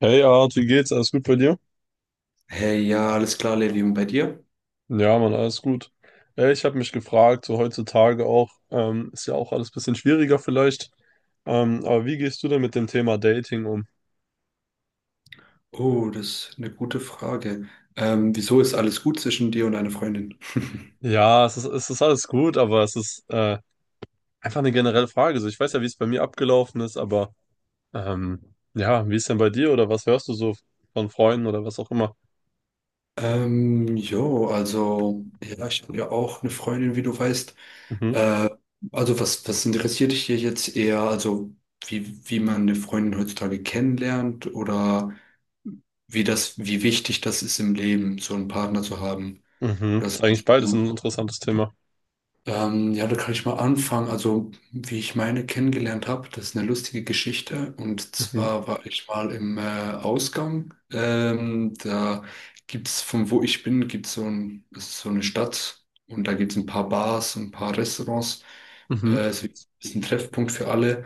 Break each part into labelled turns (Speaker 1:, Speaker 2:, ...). Speaker 1: Hey Art, wie geht's? Alles gut bei dir?
Speaker 2: Hey, ja, alles klar, Levi, und bei dir?
Speaker 1: Ja, Mann, alles gut. Ich habe mich gefragt, so heutzutage auch, ist ja auch alles ein bisschen schwieriger vielleicht. Aber wie gehst du denn mit dem Thema Dating um?
Speaker 2: Oh, das ist eine gute Frage. Wieso ist alles gut zwischen dir und deiner Freundin?
Speaker 1: Ja, es ist alles gut, aber es ist einfach eine generelle Frage. So, ich weiß ja, wie es bei mir abgelaufen ist, aber ja, wie ist denn bei dir oder was hörst du so von Freunden oder was auch immer?
Speaker 2: Ja, ich habe ja auch eine Freundin, wie du weißt.
Speaker 1: Mhm,
Speaker 2: Äh, also, was interessiert dich hier jetzt eher? Also, wie man eine Freundin heutzutage kennenlernt oder wie das, wie wichtig das ist im Leben, so einen Partner zu haben?
Speaker 1: mhm.
Speaker 2: Das,
Speaker 1: Ist eigentlich beides
Speaker 2: ja.
Speaker 1: ein interessantes Thema.
Speaker 2: Ja, da kann ich mal anfangen. Also, wie ich meine kennengelernt habe, das ist eine lustige Geschichte. Und
Speaker 1: Mhm,
Speaker 2: zwar war ich mal im Ausgang. Da gibt's, von wo ich bin, gibt's so ein, das ist so eine Stadt und da gibt's ein paar Bars und ein paar Restaurants.
Speaker 1: mhm,
Speaker 2: Es ist ein Treffpunkt für alle.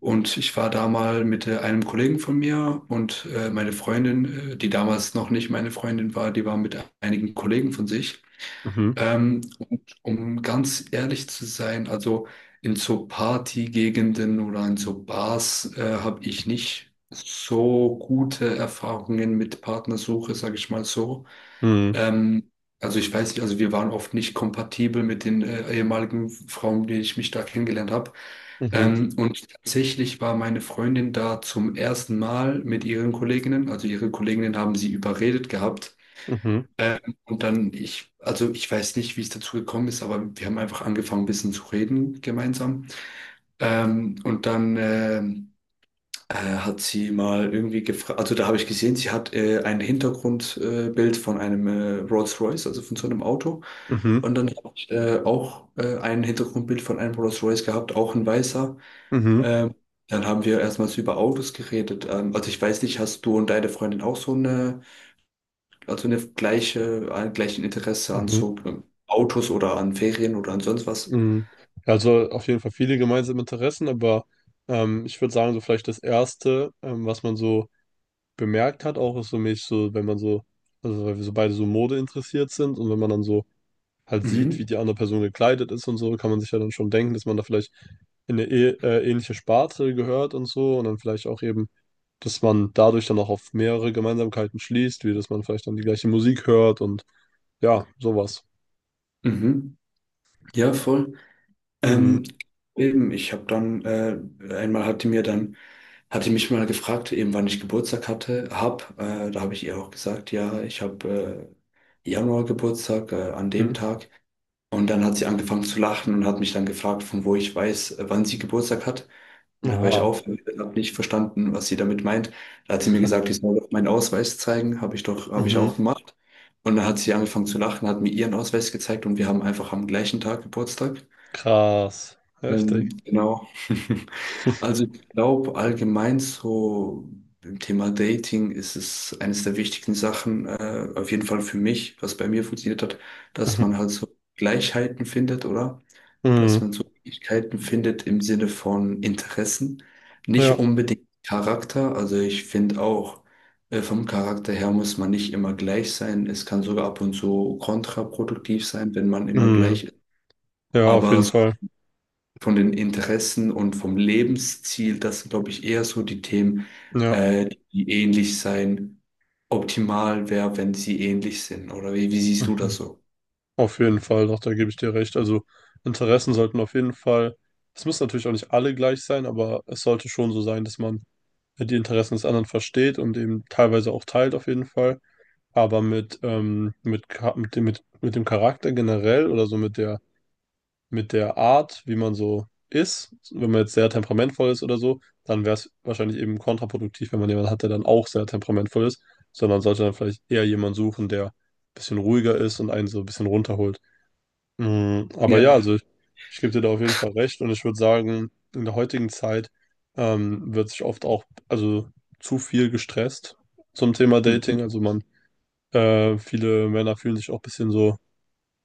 Speaker 2: Und ich war da mal mit einem Kollegen von mir und meine Freundin, die damals noch nicht meine Freundin war, die war mit einigen Kollegen von sich.
Speaker 1: mhm,
Speaker 2: Ähm, und um ganz ehrlich zu sein, also in so Partygegenden oder in so Bars habe ich nicht so gute Erfahrungen mit Partnersuche, sage ich mal so.
Speaker 1: mhm,
Speaker 2: Ähm, also ich weiß nicht, also wir waren oft nicht kompatibel mit den ehemaligen Frauen, die ich mich da kennengelernt habe.
Speaker 1: mhm,
Speaker 2: Und tatsächlich war meine Freundin da zum ersten Mal mit ihren Kolleginnen. Also ihre Kolleginnen haben sie überredet gehabt,
Speaker 1: mhm,
Speaker 2: und also ich weiß nicht, wie es dazu gekommen ist, aber wir haben einfach angefangen, ein bisschen zu reden gemeinsam. Und dann Hat sie mal irgendwie gefragt, also da habe ich gesehen, sie hat ein Hintergrundbild Bild von einem Rolls-Royce, also von so einem Auto.
Speaker 1: mhm, mhm,
Speaker 2: Und dann habe ich auch ein Hintergrundbild von einem Rolls-Royce gehabt, auch ein weißer.
Speaker 1: mhm,
Speaker 2: Ähm, Dann haben wir erstmals über Autos geredet. Also ich weiß nicht, hast du und deine Freundin auch so eine, also eine gleiche, ein gleichen Interesse an
Speaker 1: mhm,
Speaker 2: so Autos oder an Ferien oder an sonst was?
Speaker 1: mhm. Ja, also auf jeden Fall viele gemeinsame Interessen, aber ich würde sagen, so vielleicht das Erste, was man so bemerkt hat, auch ist so mich so, wenn man so, also weil wir so beide so Mode interessiert sind und wenn man dann so halt sieht, wie
Speaker 2: Mhm.
Speaker 1: die andere Person gekleidet ist und so, kann man sich ja dann schon denken, dass man da vielleicht in eine ähnliche Sparte gehört und so und dann vielleicht auch eben, dass man dadurch dann auch auf mehrere Gemeinsamkeiten schließt, wie dass man vielleicht dann die gleiche Musik hört und ja, sowas.
Speaker 2: Mhm. Ja, voll.
Speaker 1: Mhm.
Speaker 2: Ähm, eben, ich habe dann, einmal hat die mir dann, hatte mich mal gefragt, eben wann ich Geburtstag hatte, da habe ich ihr auch gesagt, ja, ich habe Januar Geburtstag, an dem
Speaker 1: Mhm.
Speaker 2: Tag. Und dann hat sie angefangen zu lachen und hat mich dann gefragt, von wo ich weiß, wann sie Geburtstag hat. Und dann war ich
Speaker 1: Oha.
Speaker 2: auf, habe nicht verstanden, was sie damit meint. Da hat sie mir gesagt, ich soll doch meinen Ausweis zeigen. Habe ich doch, habe ich
Speaker 1: Mhm.
Speaker 2: auch gemacht. Und dann hat sie angefangen zu lachen, hat mir ihren Ausweis gezeigt und wir haben einfach am gleichen Tag Geburtstag.
Speaker 1: Krass. Heftig.
Speaker 2: Genau. Also ich glaube allgemein so im Thema Dating ist es eines der wichtigen Sachen, auf jeden Fall für mich, was bei mir funktioniert hat, dass man
Speaker 1: Mhm.
Speaker 2: halt so Gleichheiten findet, oder? Dass
Speaker 1: Mhm.
Speaker 2: man so Fähigkeiten findet im Sinne von Interessen,
Speaker 1: Ja.
Speaker 2: nicht unbedingt Charakter. Also ich finde auch, vom Charakter her muss man nicht immer gleich sein. Es kann sogar ab und zu kontraproduktiv sein, wenn man immer
Speaker 1: Mhm.
Speaker 2: gleich ist.
Speaker 1: Ja, auf
Speaker 2: Aber
Speaker 1: jeden
Speaker 2: so
Speaker 1: Fall.
Speaker 2: von den Interessen und vom Lebensziel, das sind, glaube ich, eher so die Themen,
Speaker 1: Ja.
Speaker 2: die ähnlich sein. Optimal wäre, wenn sie ähnlich sind. Oder wie siehst du das
Speaker 1: Mhm.
Speaker 2: so?
Speaker 1: Auf jeden Fall, doch, da gebe ich dir recht. Also Interessen sollten auf jeden Fall, es müssen natürlich auch nicht alle gleich sein, aber es sollte schon so sein, dass man die Interessen des anderen versteht und eben teilweise auch teilt auf jeden Fall. Aber mit dem Charakter generell oder so mit der Art, wie man so ist, wenn man jetzt sehr temperamentvoll ist oder so, dann wäre es wahrscheinlich eben kontraproduktiv, wenn man jemanden hat, der dann auch sehr temperamentvoll ist, sondern sollte dann vielleicht eher jemanden suchen, der ein bisschen ruhiger ist und einen so ein bisschen runterholt. Mm, aber ja,
Speaker 2: Ja.
Speaker 1: also ich gebe dir da auf jeden Fall recht und ich würde sagen, in der heutigen Zeit wird sich oft auch, also zu viel gestresst zum Thema
Speaker 2: Mhm.
Speaker 1: Dating. Also man, viele Männer fühlen sich auch ein bisschen so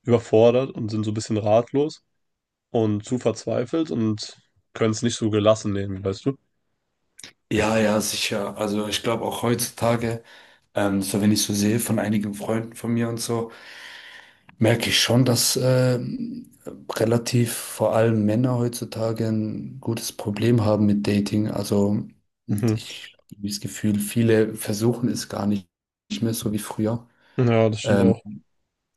Speaker 1: überfordert und sind so ein bisschen ratlos und zu verzweifelt und können es nicht so gelassen nehmen, weißt du?
Speaker 2: Ja, ja, sicher. Also ich glaube auch heutzutage. So wenn ich so sehe von einigen Freunden von mir und so, merke ich schon, dass relativ vor allem Männer heutzutage ein gutes Problem haben mit Dating. Also
Speaker 1: Mhm.
Speaker 2: ich habe das Gefühl, viele versuchen es gar nicht mehr so wie früher.
Speaker 1: Ja, das stimmt
Speaker 2: Ähm,
Speaker 1: auch.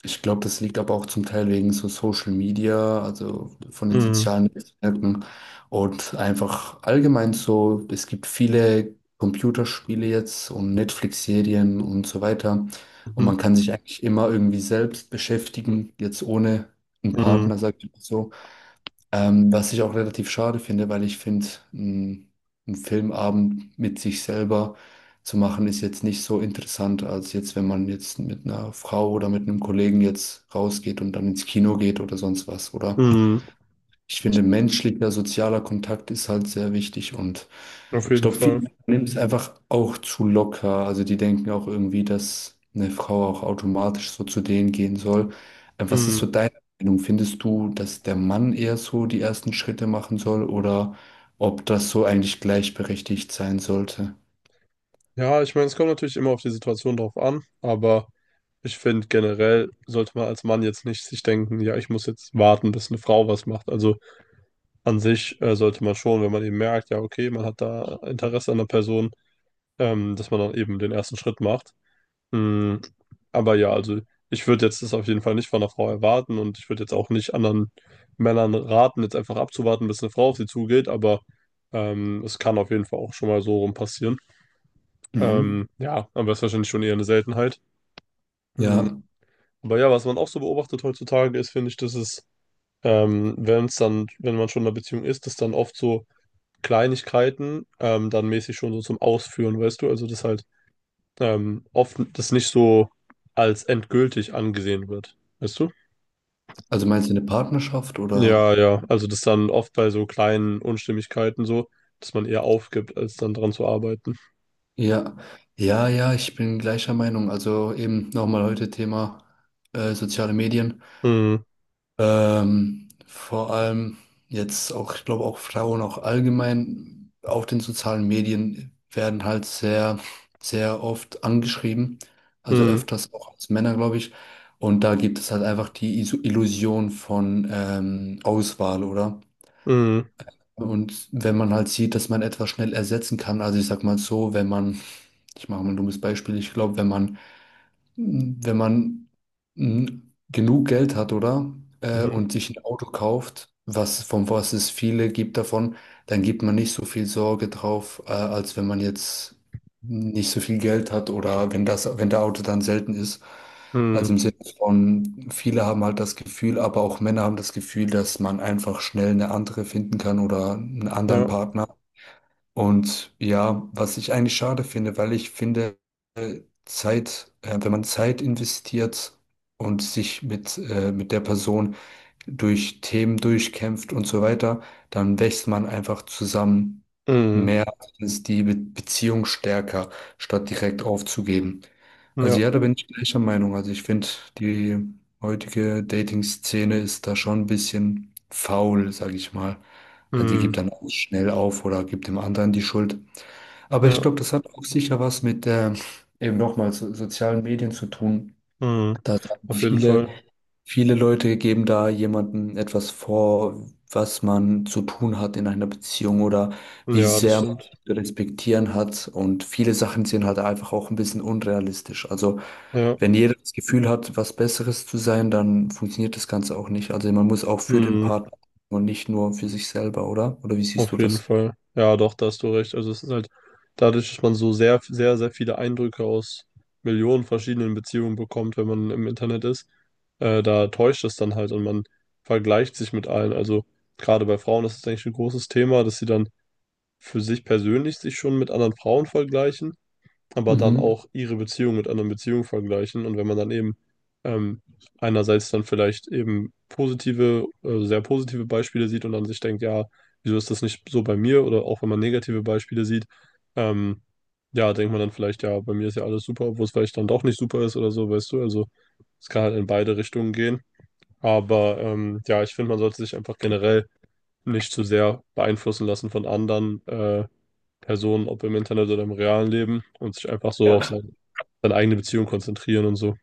Speaker 2: Ich glaube, das liegt aber auch zum Teil wegen so Social Media, also von den
Speaker 1: Mhm.
Speaker 2: sozialen Netzwerken und einfach allgemein so, es gibt viele Computerspiele jetzt und Netflix-Serien und so weiter. Und
Speaker 1: Mhm.
Speaker 2: man kann sich eigentlich immer irgendwie selbst beschäftigen, jetzt ohne einen
Speaker 1: Mhm.
Speaker 2: Partner, sag ich mal so. Was ich auch relativ schade finde, weil ich finde, ein, ein Filmabend mit sich selber zu machen, ist jetzt nicht so interessant, als jetzt, wenn man jetzt mit einer Frau oder mit einem Kollegen jetzt rausgeht und dann ins Kino geht oder sonst was, oder?
Speaker 1: Mhm.
Speaker 2: Ich finde, menschlicher, sozialer Kontakt ist halt sehr wichtig und
Speaker 1: Auf
Speaker 2: ich
Speaker 1: jeden
Speaker 2: glaube, viele
Speaker 1: Fall.
Speaker 2: Männer nehmen es einfach auch zu locker. Also die denken auch irgendwie, dass eine Frau auch automatisch so zu denen gehen soll. Was ist so
Speaker 1: Mhm.
Speaker 2: deine Meinung? Findest du, dass der Mann eher so die ersten Schritte machen soll oder ob das so eigentlich gleichberechtigt sein sollte?
Speaker 1: Ja, ich meine, es kommt natürlich immer auf die Situation drauf an, aber ich finde generell sollte man als Mann jetzt nicht sich denken, ja, ich muss jetzt warten, bis eine Frau was macht. Also an sich sollte man schon, wenn man eben merkt, ja, okay, man hat da Interesse an der Person, dass man dann eben den ersten Schritt macht. Mm, aber ja, also ich würde jetzt das auf jeden Fall nicht von einer Frau erwarten und ich würde jetzt auch nicht anderen Männern raten, jetzt einfach abzuwarten, bis eine Frau auf sie zugeht, aber es kann auf jeden Fall auch schon mal so rum passieren.
Speaker 2: Mhm.
Speaker 1: Ja, aber ist wahrscheinlich schon eher eine Seltenheit.
Speaker 2: Ja,
Speaker 1: Mm, aber ja, was man auch so beobachtet heutzutage ist, finde ich, dass wenn es dann, wenn man schon in einer Beziehung ist, dass dann oft so Kleinigkeiten dann mäßig schon so zum Ausführen, weißt du, also dass halt oft das nicht so als endgültig angesehen wird. Weißt du?
Speaker 2: also meinst du eine Partnerschaft
Speaker 1: Ja,
Speaker 2: oder?
Speaker 1: ja. Also das dann oft bei so kleinen Unstimmigkeiten so, dass man eher aufgibt, als dann dran zu arbeiten.
Speaker 2: Ja, ja, ich bin gleicher Meinung. Also eben nochmal heute Thema soziale Medien.
Speaker 1: Mhm.
Speaker 2: Vor allem jetzt auch, ich glaube auch Frauen auch allgemein auf den sozialen Medien werden halt sehr, sehr oft angeschrieben, also
Speaker 1: Mhm.
Speaker 2: öfters auch als Männer, glaube ich. Und da gibt es halt einfach die Illusion von Auswahl, oder?
Speaker 1: Mhm.
Speaker 2: Und wenn man halt sieht, dass man etwas schnell ersetzen kann, also ich sag mal so, wenn man, ich mache mal ein dummes Beispiel, ich glaube, wenn man wenn man mm, genug Geld hat, oder? Und
Speaker 1: Mhm.
Speaker 2: sich ein Auto kauft, was, von was es viele gibt davon, dann gibt man nicht so viel Sorge drauf, als wenn man jetzt nicht so viel Geld hat oder wenn das, wenn der Auto dann selten ist. Also
Speaker 1: Mhm.
Speaker 2: im Sinne von, viele haben halt das Gefühl, aber auch Männer haben das Gefühl, dass man einfach schnell eine andere finden kann oder einen anderen
Speaker 1: Ja.
Speaker 2: Partner. Und ja, was ich eigentlich schade finde, weil ich finde, wenn man Zeit investiert und sich mit der Person durch Themen durchkämpft und so weiter, dann wächst man einfach zusammen
Speaker 1: Mhm.
Speaker 2: mehr, Mhm. Ist die Be Beziehung stärker, statt direkt aufzugeben. Also
Speaker 1: Ja.
Speaker 2: ja, da bin ich gleicher Meinung. Also ich finde, die heutige Dating-Szene ist da schon ein bisschen faul, sage ich mal. Also die gibt
Speaker 1: Mhm.
Speaker 2: dann auch schnell auf oder gibt dem anderen die Schuld. Aber ich
Speaker 1: Ja.
Speaker 2: glaube, das hat auch sicher was mit eben nochmal so, sozialen Medien zu tun.
Speaker 1: Mhm.
Speaker 2: Da haben
Speaker 1: Auf jeden Fall.
Speaker 2: viele Leute geben da jemandem etwas vor, was man zu tun hat in einer Beziehung oder wie
Speaker 1: Ja, das
Speaker 2: sehr man
Speaker 1: stimmt.
Speaker 2: sich zu respektieren hat. Und viele Sachen sind halt einfach auch ein bisschen unrealistisch. Also
Speaker 1: Ja.
Speaker 2: wenn jeder das Gefühl hat, was Besseres zu sein, dann funktioniert das Ganze auch nicht. Also man muss auch für den
Speaker 1: Mhm.
Speaker 2: Partner und nicht nur für sich selber, oder? Oder wie siehst du
Speaker 1: Auf jeden
Speaker 2: das?
Speaker 1: Fall. Ja, doch, da hast du recht. Also es ist halt dadurch, dass man so sehr, sehr, sehr viele Eindrücke aus Millionen verschiedenen Beziehungen bekommt, wenn man im Internet ist, da täuscht es dann halt und man vergleicht sich mit allen. Also gerade bei Frauen ist es eigentlich ein großes Thema, dass sie dann für sich persönlich sich schon mit anderen Frauen vergleichen, aber dann
Speaker 2: Mhm.
Speaker 1: auch ihre Beziehung mit anderen Beziehungen vergleichen. Und wenn man dann eben ähm, einerseits dann vielleicht eben positive, sehr positive Beispiele sieht und dann sich denkt, ja, wieso ist das nicht so bei mir? Oder auch wenn man negative Beispiele sieht, ähm, ja, denkt man dann vielleicht, ja, bei mir ist ja alles super, obwohl es vielleicht dann doch nicht super ist oder so, weißt du? Also es kann halt in beide Richtungen gehen. Aber ja, ich finde, man sollte sich einfach generell nicht zu sehr beeinflussen lassen von anderen. Personen, ob im Internet oder im realen Leben, und sich einfach so auf
Speaker 2: Ja.
Speaker 1: sein, seine eigene Beziehung konzentrieren und so.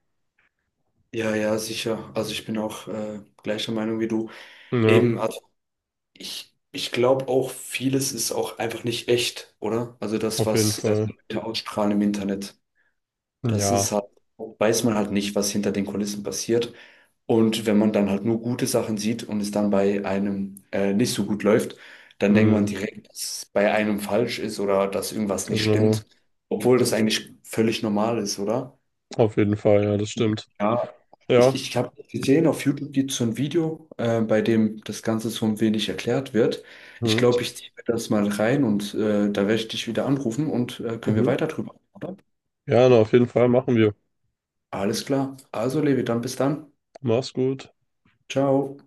Speaker 2: Ja, ja, sicher. Also ich bin auch gleicher Meinung wie du. Eben,
Speaker 1: Ja,
Speaker 2: also ich glaube auch, vieles ist auch einfach nicht echt, oder? Also das,
Speaker 1: auf jeden
Speaker 2: was
Speaker 1: Fall.
Speaker 2: Leute ausstrahlen im Internet, das
Speaker 1: Ja,
Speaker 2: ist halt, weiß man halt nicht, was hinter den Kulissen passiert. Und wenn man dann halt nur gute Sachen sieht und es dann bei einem nicht so gut läuft, dann denkt man
Speaker 1: hm,
Speaker 2: direkt, dass es bei einem falsch ist oder dass irgendwas nicht
Speaker 1: genau.
Speaker 2: stimmt, obwohl das eigentlich völlig normal ist, oder?
Speaker 1: Auf jeden Fall, ja, das stimmt.
Speaker 2: Ja,
Speaker 1: Ja,
Speaker 2: ich habe gesehen, auf YouTube gibt es so ein Video, bei dem das Ganze so ein wenig erklärt wird. Ich
Speaker 1: hm,
Speaker 2: glaube, ich ziehe mir das mal rein und da werde ich dich wieder anrufen und können wir
Speaker 1: mhm.
Speaker 2: weiter drüber, oder?
Speaker 1: Ja, auf jeden Fall machen wir.
Speaker 2: Alles klar. Also, Levi, dann bis dann.
Speaker 1: Mach's gut.
Speaker 2: Ciao.